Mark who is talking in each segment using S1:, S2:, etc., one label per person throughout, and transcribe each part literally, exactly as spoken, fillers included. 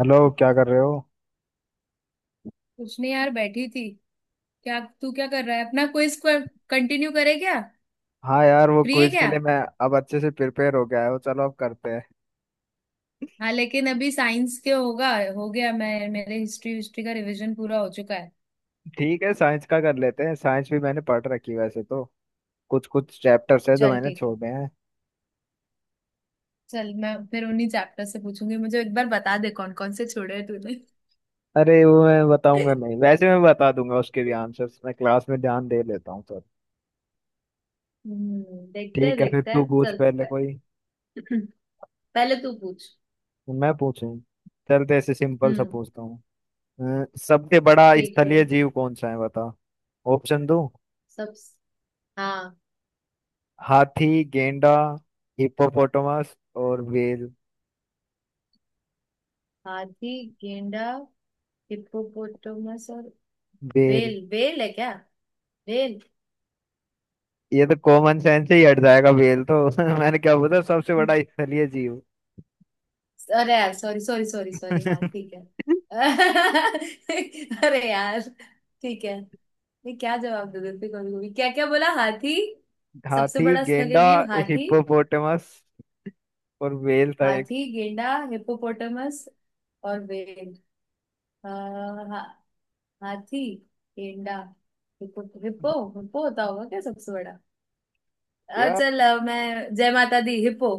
S1: Hello, क्या कर रहे हो?
S2: कुछ नहीं यार, बैठी थी। क्या, तू क्या कर रहा है अपना क्विज? कंटिन्यू करे क्या?
S1: हाँ यार, वो
S2: फ्री है
S1: क्विज के
S2: क्या?
S1: लिए मैं अब अच्छे से प्रिपेयर हो गया हूँ। चलो अब करते हैं।
S2: हाँ, लेकिन अभी साइंस के होगा। हो गया। मैं मेरे हिस्ट्री हिस्ट्री का रिवीजन पूरा हो चुका है।
S1: ठीक है, साइंस का कर लेते हैं। साइंस भी मैंने पढ़ रखी है वैसे तो। कुछ कुछ चैप्टर्स है जो
S2: चल
S1: मैंने
S2: ठीक है।
S1: छोड़े हैं।
S2: चल, मैं फिर उन्हीं चैप्टर से पूछूंगी। मुझे एक बार बता दे कौन कौन से छोड़े हैं तूने।
S1: अरे वो मैं बताऊंगा नहीं। वैसे मैं बता दूंगा, उसके भी आंसर्स मैं क्लास में ध्यान दे लेता हूँ सर।
S2: हम्म देखते हैं
S1: ठीक है फिर,
S2: देखते
S1: तू
S2: हैं।
S1: पूछ
S2: चल,
S1: पहले
S2: प-
S1: कोई।
S2: पहले तू पूछ।
S1: मैं पूछूं? चलते ऐसे सिंपल सा
S2: हम्म।
S1: पूछता हूँ। अ, सबसे बड़ा
S2: ठीक है।
S1: स्थलीय जीव कौन सा है, बता। ऑप्शन दो।
S2: सब। हाँ।
S1: हाथी, गेंडा, हिप्पोपोटामस और व्हेल।
S2: हाथी, गेंडा, हिप्पोपोटामस और
S1: व्हेल?
S2: वेल। वेल है क्या? वेल।
S1: ये तो कॉमन सेंस से ही हट
S2: हम्म।
S1: जाएगा बेल तो। मैंने क्या बोला? सबसे बड़ा स्थलीय जीव।
S2: अरे यार सॉरी सॉरी सॉरी सॉरी, हाँ ठीक है। अरे यार। ठीक है। मैं क्या जवाब दूँ? देखते कभी कभी क्या क्या बोला। हाथी। सबसे
S1: हाथी,
S2: बड़ा स्थलीय
S1: गेंडा,
S2: जीव हाथी।
S1: हिप्पोपोटामस और व्हेल था एक।
S2: हाथी, गेंडा, हिप्पोपोटामस और व्हेल। आ, हा, हाथी, गेंडा, हिप्पो हिप्पो। हिप्पो होता होगा क्या सबसे बड़ा? अ,
S1: यार
S2: चल, अ, मैं जय माता दी हिप्पो।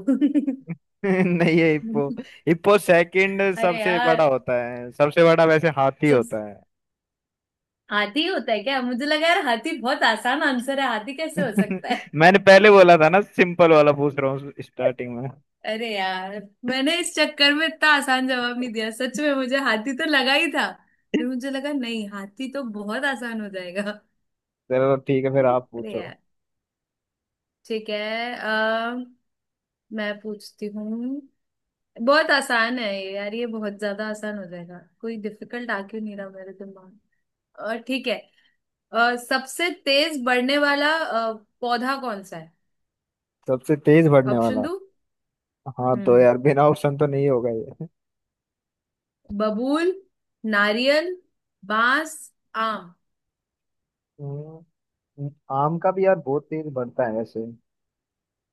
S1: नहीं है हिप्पो। हिप्पो सेकंड
S2: अरे
S1: सबसे बड़ा
S2: यार।
S1: होता है, सबसे बड़ा वैसे हाथी
S2: सब।
S1: होता है।
S2: हाथी होता है क्या? मुझे लगा यार हाथी बहुत आसान आंसर है, हाथी कैसे हो सकता है।
S1: मैंने पहले बोला था ना, सिंपल वाला पूछ रहा हूँ स्टार्टिंग में।
S2: अरे यार, मैंने इस चक्कर में इतना आसान जवाब नहीं दिया। सच में मुझे हाथी तो लगा ही था। फिर मुझे लगा नहीं, हाथी तो बहुत आसान हो जाएगा।
S1: चलो ठीक है, फिर आप
S2: अरे
S1: पूछो।
S2: यार। ठीक है। आ, मैं पूछती हूँ। बहुत आसान है ये यार, ये बहुत ज्यादा आसान हो जाएगा। कोई डिफिकल्ट आ क्यों नहीं रहा मेरे दिमाग में। अ, ठीक है। अ, सबसे तेज बढ़ने वाला अ, पौधा कौन सा है?
S1: सबसे तेज बढ़ने
S2: ऑप्शन
S1: वाला।
S2: दो।
S1: हाँ तो
S2: हम्म,
S1: यार, बिना ऑप्शन तो नहीं होगा ये।
S2: बबूल, नारियल, बांस, आम।
S1: हम्म, आम का भी यार बहुत तेज बढ़ता है वैसे।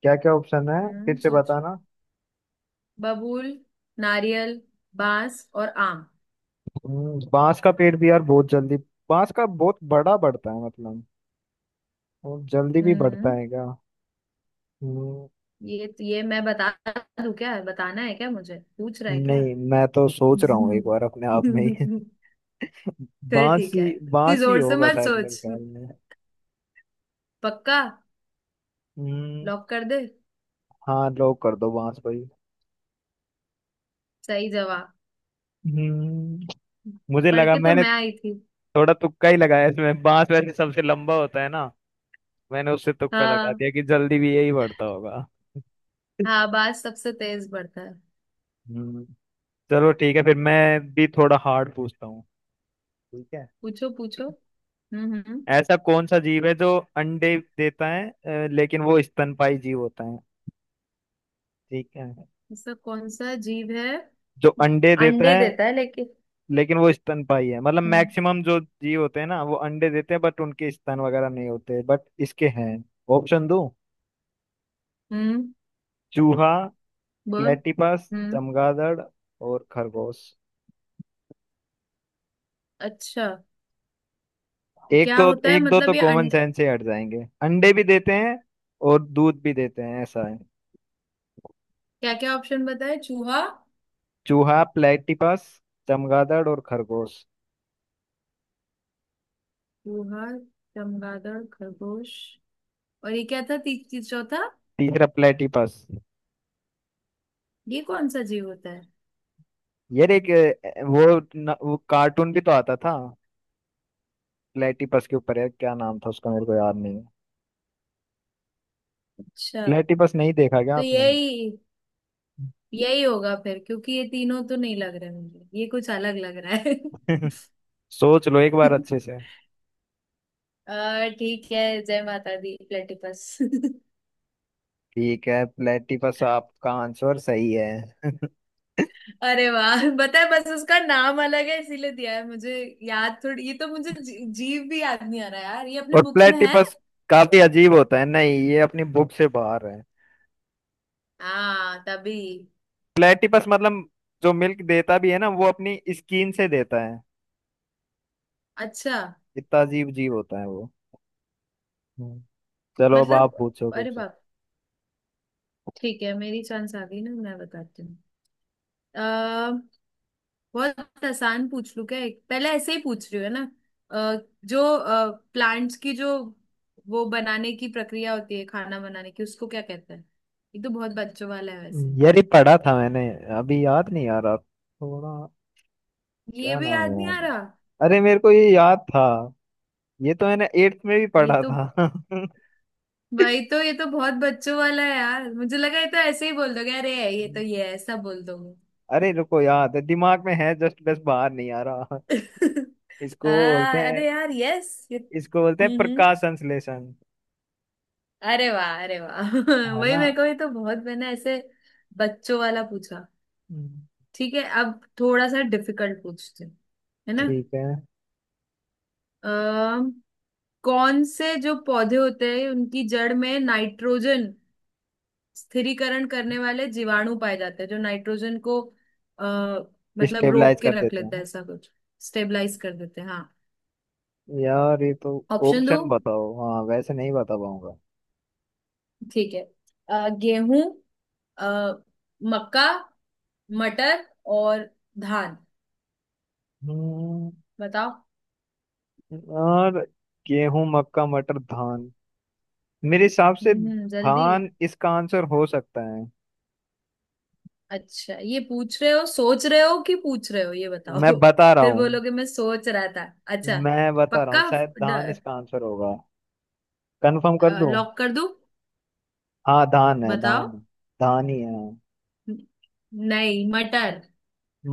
S1: क्या क्या ऑप्शन है? फिर
S2: हम्म
S1: से
S2: सोचो।
S1: बताना।
S2: बबूल, नारियल, बांस और आम।
S1: हम्म, बांस का पेड़ भी यार बहुत जल्दी। बांस का बहुत बड़ा बढ़ता है मतलब। और जल्दी भी बढ़ता
S2: हम्म
S1: है क्या? हम्म,
S2: ये तो, ये मैं बता दूं क्या? बताना है क्या? मुझे पूछ रहा है क्या?
S1: नहीं मैं तो सोच रहा हूँ एक बार अपने आप में ही।
S2: हम्म। फिर
S1: बांस
S2: ठीक है,
S1: ही,
S2: इतनी
S1: बांस ही
S2: जोर से
S1: होगा
S2: मत
S1: शायद मेरे
S2: सोच।
S1: ख्याल में।
S2: पक्का?
S1: हम्म।
S2: लॉक कर दे।
S1: हाँ, लॉक कर दो बांस भाई।
S2: सही जवाब।
S1: हम्म, मुझे
S2: पढ़
S1: लगा
S2: के तो
S1: मैंने
S2: मैं आई थी।
S1: थोड़ा तुक्का ही लगाया इसमें। बांस वैसे सबसे लंबा होता है ना, मैंने उससे तुक्का लगा
S2: हाँ।
S1: दिया कि जल्दी भी यही बढ़ता होगा।
S2: हाँ, बात सबसे तेज बढ़ता है।
S1: हम्म। चलो ठीक है, फिर मैं भी थोड़ा हार्ड पूछता हूँ। ठीक है।
S2: पूछो पूछो। हम्म हम्म।
S1: ऐसा कौन सा जीव है जो अंडे देता है अ, लेकिन वो स्तनपाई जीव होता है। ठीक है,
S2: ऐसा कौन सा जीव है
S1: जो अंडे देता
S2: अंडे
S1: है
S2: देता है लेकिन।
S1: लेकिन वो स्तनपाई है। मतलब
S2: हम्म
S1: मैक्सिमम जो जीव होते हैं ना, वो अंडे देते हैं बट उनके स्तन वगैरह नहीं होते, बट इसके हैं। ऑप्शन दो।
S2: हम्म
S1: चूहा,
S2: बोल
S1: प्लेटिपस,
S2: हम्म।
S1: चमगादड़ और खरगोश।
S2: अच्छा, तो
S1: एक
S2: क्या
S1: तो,
S2: होता है
S1: एक दो
S2: मतलब
S1: तो
S2: ये
S1: कॉमन
S2: अंड
S1: सेंस से हट जाएंगे। अंडे भी देते हैं और दूध भी देते हैं ऐसा है।
S2: क्या क्या ऑप्शन बताए? चूहा।
S1: चूहा, प्लेटिपस, चमगादड़ और खरगोश।
S2: चूहा, चमगादड़, खरगोश और ये क्या था ती- ती- चौथा?
S1: तीसरा प्लेटिपस।
S2: ये कौन सा जीव होता है?
S1: यार एक अ, वो न, वो कार्टून भी तो आता था प्लेटिपस के ऊपर, है। क्या नाम था उसका, मेरे को याद नहीं है।
S2: अच्छा,
S1: प्लेटिपस नहीं देखा क्या
S2: तो
S1: आपने?
S2: यही, यही होगा फिर, क्योंकि ये तीनों तो नहीं लग रहे मुझे, ये कुछ अलग लग रहा है।
S1: सोच लो एक बार अच्छे से।
S2: अ, ठीक है, जय माता दी प्लेटिपस।
S1: ठीक है, प्लेटिपस आपका आंसर सही है।
S2: अरे वाह, पता है बस उसका नाम अलग है इसीलिए दिया है मुझे, याद थोड़ी। ये तो मुझे जी, जीव भी याद नहीं आ रहा यार, ये अपने
S1: और
S2: बुक्स में है।
S1: प्लेटिपस काफी अजीब होता है। नहीं, ये अपनी बुक से बाहर है।
S2: हाँ तभी।
S1: प्लेटिपस मतलब जो मिल्क देता भी है ना, वो अपनी स्किन से देता है।
S2: अच्छा
S1: इतना अजीब जीव होता है वो। चलो अब
S2: मतलब।
S1: आप पूछो
S2: अरे
S1: कुछ।
S2: बाप। ठीक है, मेरी चांस आ गई ना, मैं बताती हूँ। अ, बहुत आसान पूछ लूं क्या एक, पहले ऐसे ही पूछ रही हूँ, है ना? अ, जो प्लांट्स की जो वो बनाने की प्रक्रिया होती है खाना बनाने की, उसको क्या कहते हैं? ये तो बहुत बच्चों वाला है वैसे।
S1: यार ये पढ़ा था मैंने, अभी याद नहीं आ रहा थोड़ा।
S2: ये
S1: क्या
S2: भी
S1: नाम
S2: याद
S1: है
S2: नहीं आ
S1: यार?
S2: रहा।
S1: अरे मेरे को ये याद था, ये तो मैंने एट्थ में भी
S2: ये
S1: पढ़ा
S2: तो।
S1: था।
S2: भाई, तो ये तो बहुत बच्चों वाला है यार, मुझे लगा ये तो ऐसे ही बोल दोगे, अरे ये तो ये है, ऐसा बोल दोगे।
S1: अरे रुको, याद है, दिमाग में है, जस्ट बस बाहर नहीं आ रहा।
S2: आ,
S1: इसको बोलते हैं,
S2: अरे यार यस, ये
S1: इसको बोलते हैं
S2: हम्म हम्म।
S1: प्रकाश संश्लेषण।
S2: अरे वाह, अरे वाह।
S1: है
S2: वही
S1: ना?
S2: मेरे को, ये तो बहुत मैंने ऐसे बच्चों वाला पूछा।
S1: हम्म।
S2: ठीक है, अब थोड़ा सा डिफिकल्ट पूछते हैं, है ना?
S1: ठीक है।
S2: अम, कौन से जो पौधे होते हैं उनकी जड़ में नाइट्रोजन स्थिरीकरण करने वाले जीवाणु पाए जाते हैं जो नाइट्रोजन को आ, मतलब रोक
S1: स्टेबलाइज
S2: के
S1: कर
S2: रख
S1: देते हैं
S2: लेते हैं,
S1: ना।
S2: ऐसा कुछ। स्टेबलाइज कर देते हैं हाँ।
S1: यार ये तो।
S2: ऑप्शन दो।
S1: ऑप्शन बताओ, हाँ वैसे नहीं बता पाऊंगा।
S2: ठीक है। अ, गेहूं, अ, मक्का, मटर और धान।
S1: हम्म,
S2: बताओ।
S1: और गेहूं, मक्का, मटर, धान। मेरे हिसाब से
S2: हम्म, जल्दी।
S1: धान इसका आंसर हो सकता है।
S2: अच्छा, ये पूछ रहे हो, सोच रहे हो कि पूछ रहे हो? ये
S1: मैं
S2: बताओ।
S1: बता रहा
S2: फिर
S1: हूँ,
S2: बोलोगे मैं सोच रहा था। अच्छा।
S1: मैं बता रहा
S2: पक्का?
S1: हूँ शायद धान इसका आंसर होगा। कंफर्म कर दूं?
S2: लॉक कर दूं?
S1: हाँ, धान है,
S2: बताओ।
S1: धान है। धान ही है।
S2: न- नहीं, मटर।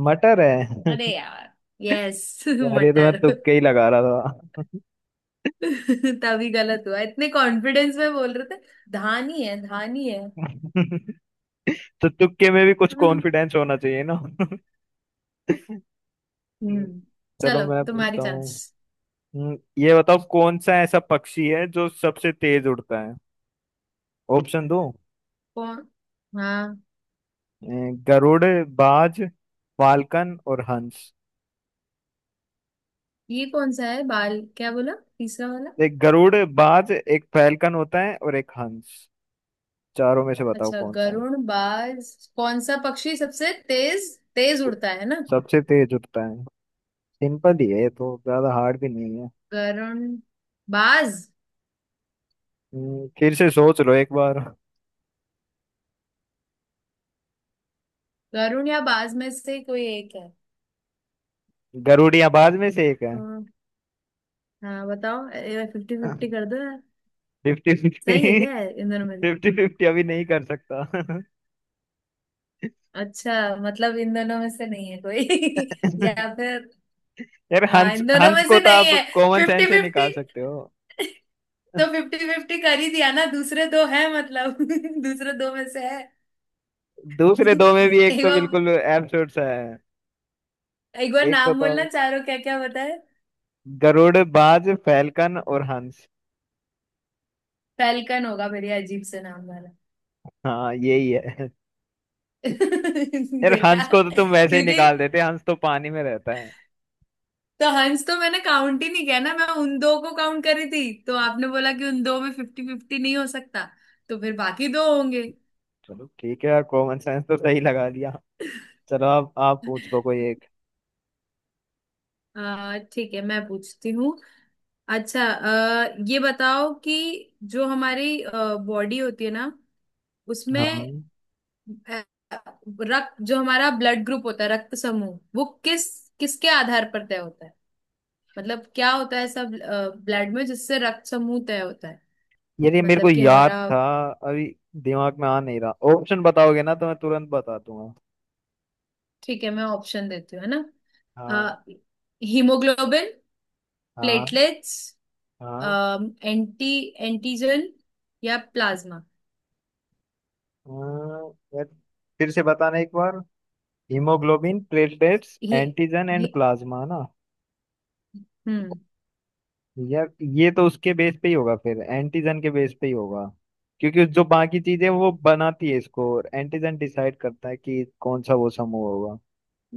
S1: मटर है?
S2: अरे यार यस।
S1: यार ये तो मैं
S2: मटर।
S1: तुक्के ही लगा रहा था।
S2: तभी गलत हुआ, इतने कॉन्फिडेंस में बोल रहे थे, धान ही है धान ही है।
S1: तो तुक्के में भी कुछ कॉन्फिडेंस होना चाहिए ना।
S2: हम्म।
S1: चलो
S2: चलो
S1: मैं
S2: तुम्हारी
S1: पूछता हूँ।
S2: चांस।
S1: हम्म, ये बताओ कौन सा ऐसा पक्षी है जो सबसे तेज उड़ता है? ऑप्शन दो।
S2: कौन। हाँ।
S1: गरुड़, बाज, फाल्कन और हंस।
S2: ये कौन सा है? बाल क्या बोला तीसरा वाला?
S1: एक गरुड़, बाज, एक फैल्कन होता है और एक हंस। चारों में से बताओ
S2: अच्छा,
S1: कौन सा है।
S2: गरुण बाज। कौन सा पक्षी सबसे तेज तेज उड़ता है ना?
S1: सबसे तेज उड़ता है। सिंपल ही है ये तो, ज्यादा हार्ड भी नहीं है।
S2: गरुण बाज।
S1: हम्म, फिर से सोच लो एक बार।
S2: गरुण या बाज में से कोई एक है?
S1: गरुड़ या बाज में से एक
S2: तो।
S1: है।
S2: हाँ बताओ। फिफ्टी फिफ्टी कर दो यार।
S1: फिफ्टी
S2: सही
S1: फिफ्टी?
S2: है, क्या है इन दोनों में?
S1: फिफ्टी फिफ्टी अभी नहीं कर सकता।
S2: अच्छा मतलब इन दोनों में से नहीं है कोई? या फिर।
S1: यार
S2: हाँ
S1: हंस,
S2: इन दोनों
S1: हंस
S2: में
S1: को
S2: से
S1: तो
S2: नहीं
S1: आप
S2: है।
S1: कॉमन
S2: फिफ्टी
S1: सेंस से
S2: फिफ्टी।
S1: निकाल सकते हो।
S2: तो फिफ्टी फिफ्टी कर ही दिया ना, दूसरे दो है मतलब। दूसरे दो में से है।
S1: दूसरे दो में भी एक
S2: एक
S1: तो
S2: बार।
S1: बिल्कुल एब्सर्ड सा है।
S2: एक बार
S1: एक को
S2: नाम
S1: तो,
S2: बोलना चारों, क्या क्या बताए?
S1: गरुड़, बाज, फैलकन और हंस।
S2: फैल्कन होगा मेरी, अजीब से नाम वाला।
S1: हाँ यही है। यार
S2: देखा।
S1: हंस को तो तुम वैसे ही
S2: क्योंकि।
S1: निकाल देते, हंस तो पानी में रहता है।
S2: तो हंस तो मैंने काउंट ही नहीं किया ना, मैं उन दो को काउंट करी थी, तो आपने बोला कि उन दो में फिफ्टी फिफ्टी नहीं हो सकता, तो फिर बाकी दो होंगे।
S1: चलो ठीक है यार, कॉमन सेंस तो सही लगा दिया। चलो आप आप पूछ लो कोई एक।
S2: अ, ठीक है, मैं पूछती हूँ। अच्छा अ, ये बताओ कि जो हमारी बॉडी होती है ना उसमें
S1: हाँ
S2: अ, रक्त, जो हमारा ब्लड ग्रुप होता है, रक्त समूह, वो किस किसके आधार पर तय होता है? मतलब क्या होता है ऐसा ब्लड में जिससे रक्त समूह तय होता है?
S1: यार ये मेरे को
S2: मतलब कि
S1: याद
S2: हमारा।
S1: था, अभी दिमाग में आ नहीं रहा। ऑप्शन बताओगे ना तो मैं तुरंत बता दूंगा।
S2: ठीक है, मैं ऑप्शन देती हूँ है ना?
S1: हाँ।
S2: हीमोग्लोबिन,
S1: हाँ।
S2: प्लेटलेट्स,
S1: हाँ।
S2: एंटी एंटीजन या प्लाज्मा।
S1: हाँ, यार फिर से बताना एक बार। हीमोग्लोबिन, प्लेटलेट्स,
S2: ये
S1: एंटीजन
S2: ये
S1: एंड प्लाज्मा ना।
S2: हम्म।
S1: यार ये तो उसके बेस पे ही होगा, फिर एंटीजन के बेस पे ही होगा, क्योंकि जो बाकी चीजें वो बनाती है इसको, और एंटीजन डिसाइड करता है कि कौन सा वो समूह होगा।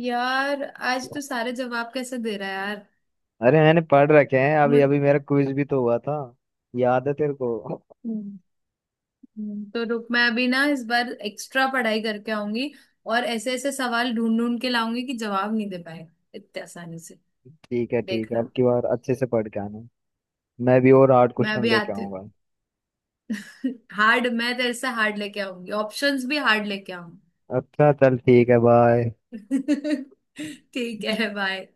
S2: यार आज तो सारे जवाब कैसे दे रहा है यार।
S1: अरे मैंने पढ़ रखे हैं, अभी
S2: मु-
S1: अभी मेरा क्विज भी तो हुआ था। याद है तेरे को?
S2: हम्म, हम्म, तो रुक, मैं अभी ना इस बार एक्स्ट्रा पढ़ाई करके आऊंगी, और ऐसे ऐसे सवाल ढूंढ ढूंढ के लाऊंगी कि जवाब नहीं दे पाए इतने आसानी से।
S1: ठीक है ठीक है, अब
S2: देखना।
S1: की बार अच्छे से पढ़ के आना। मैं भी और आठ
S2: मैं
S1: क्वेश्चन
S2: अभी
S1: लेके
S2: आती
S1: आऊंगा।
S2: हूँ। हार्ड, मैं तेरे से हार्ड लेके आऊंगी, ऑप्शंस भी हार्ड लेके आऊंगी।
S1: अच्छा चल, ठीक है, बाय।
S2: ठीक है बाय।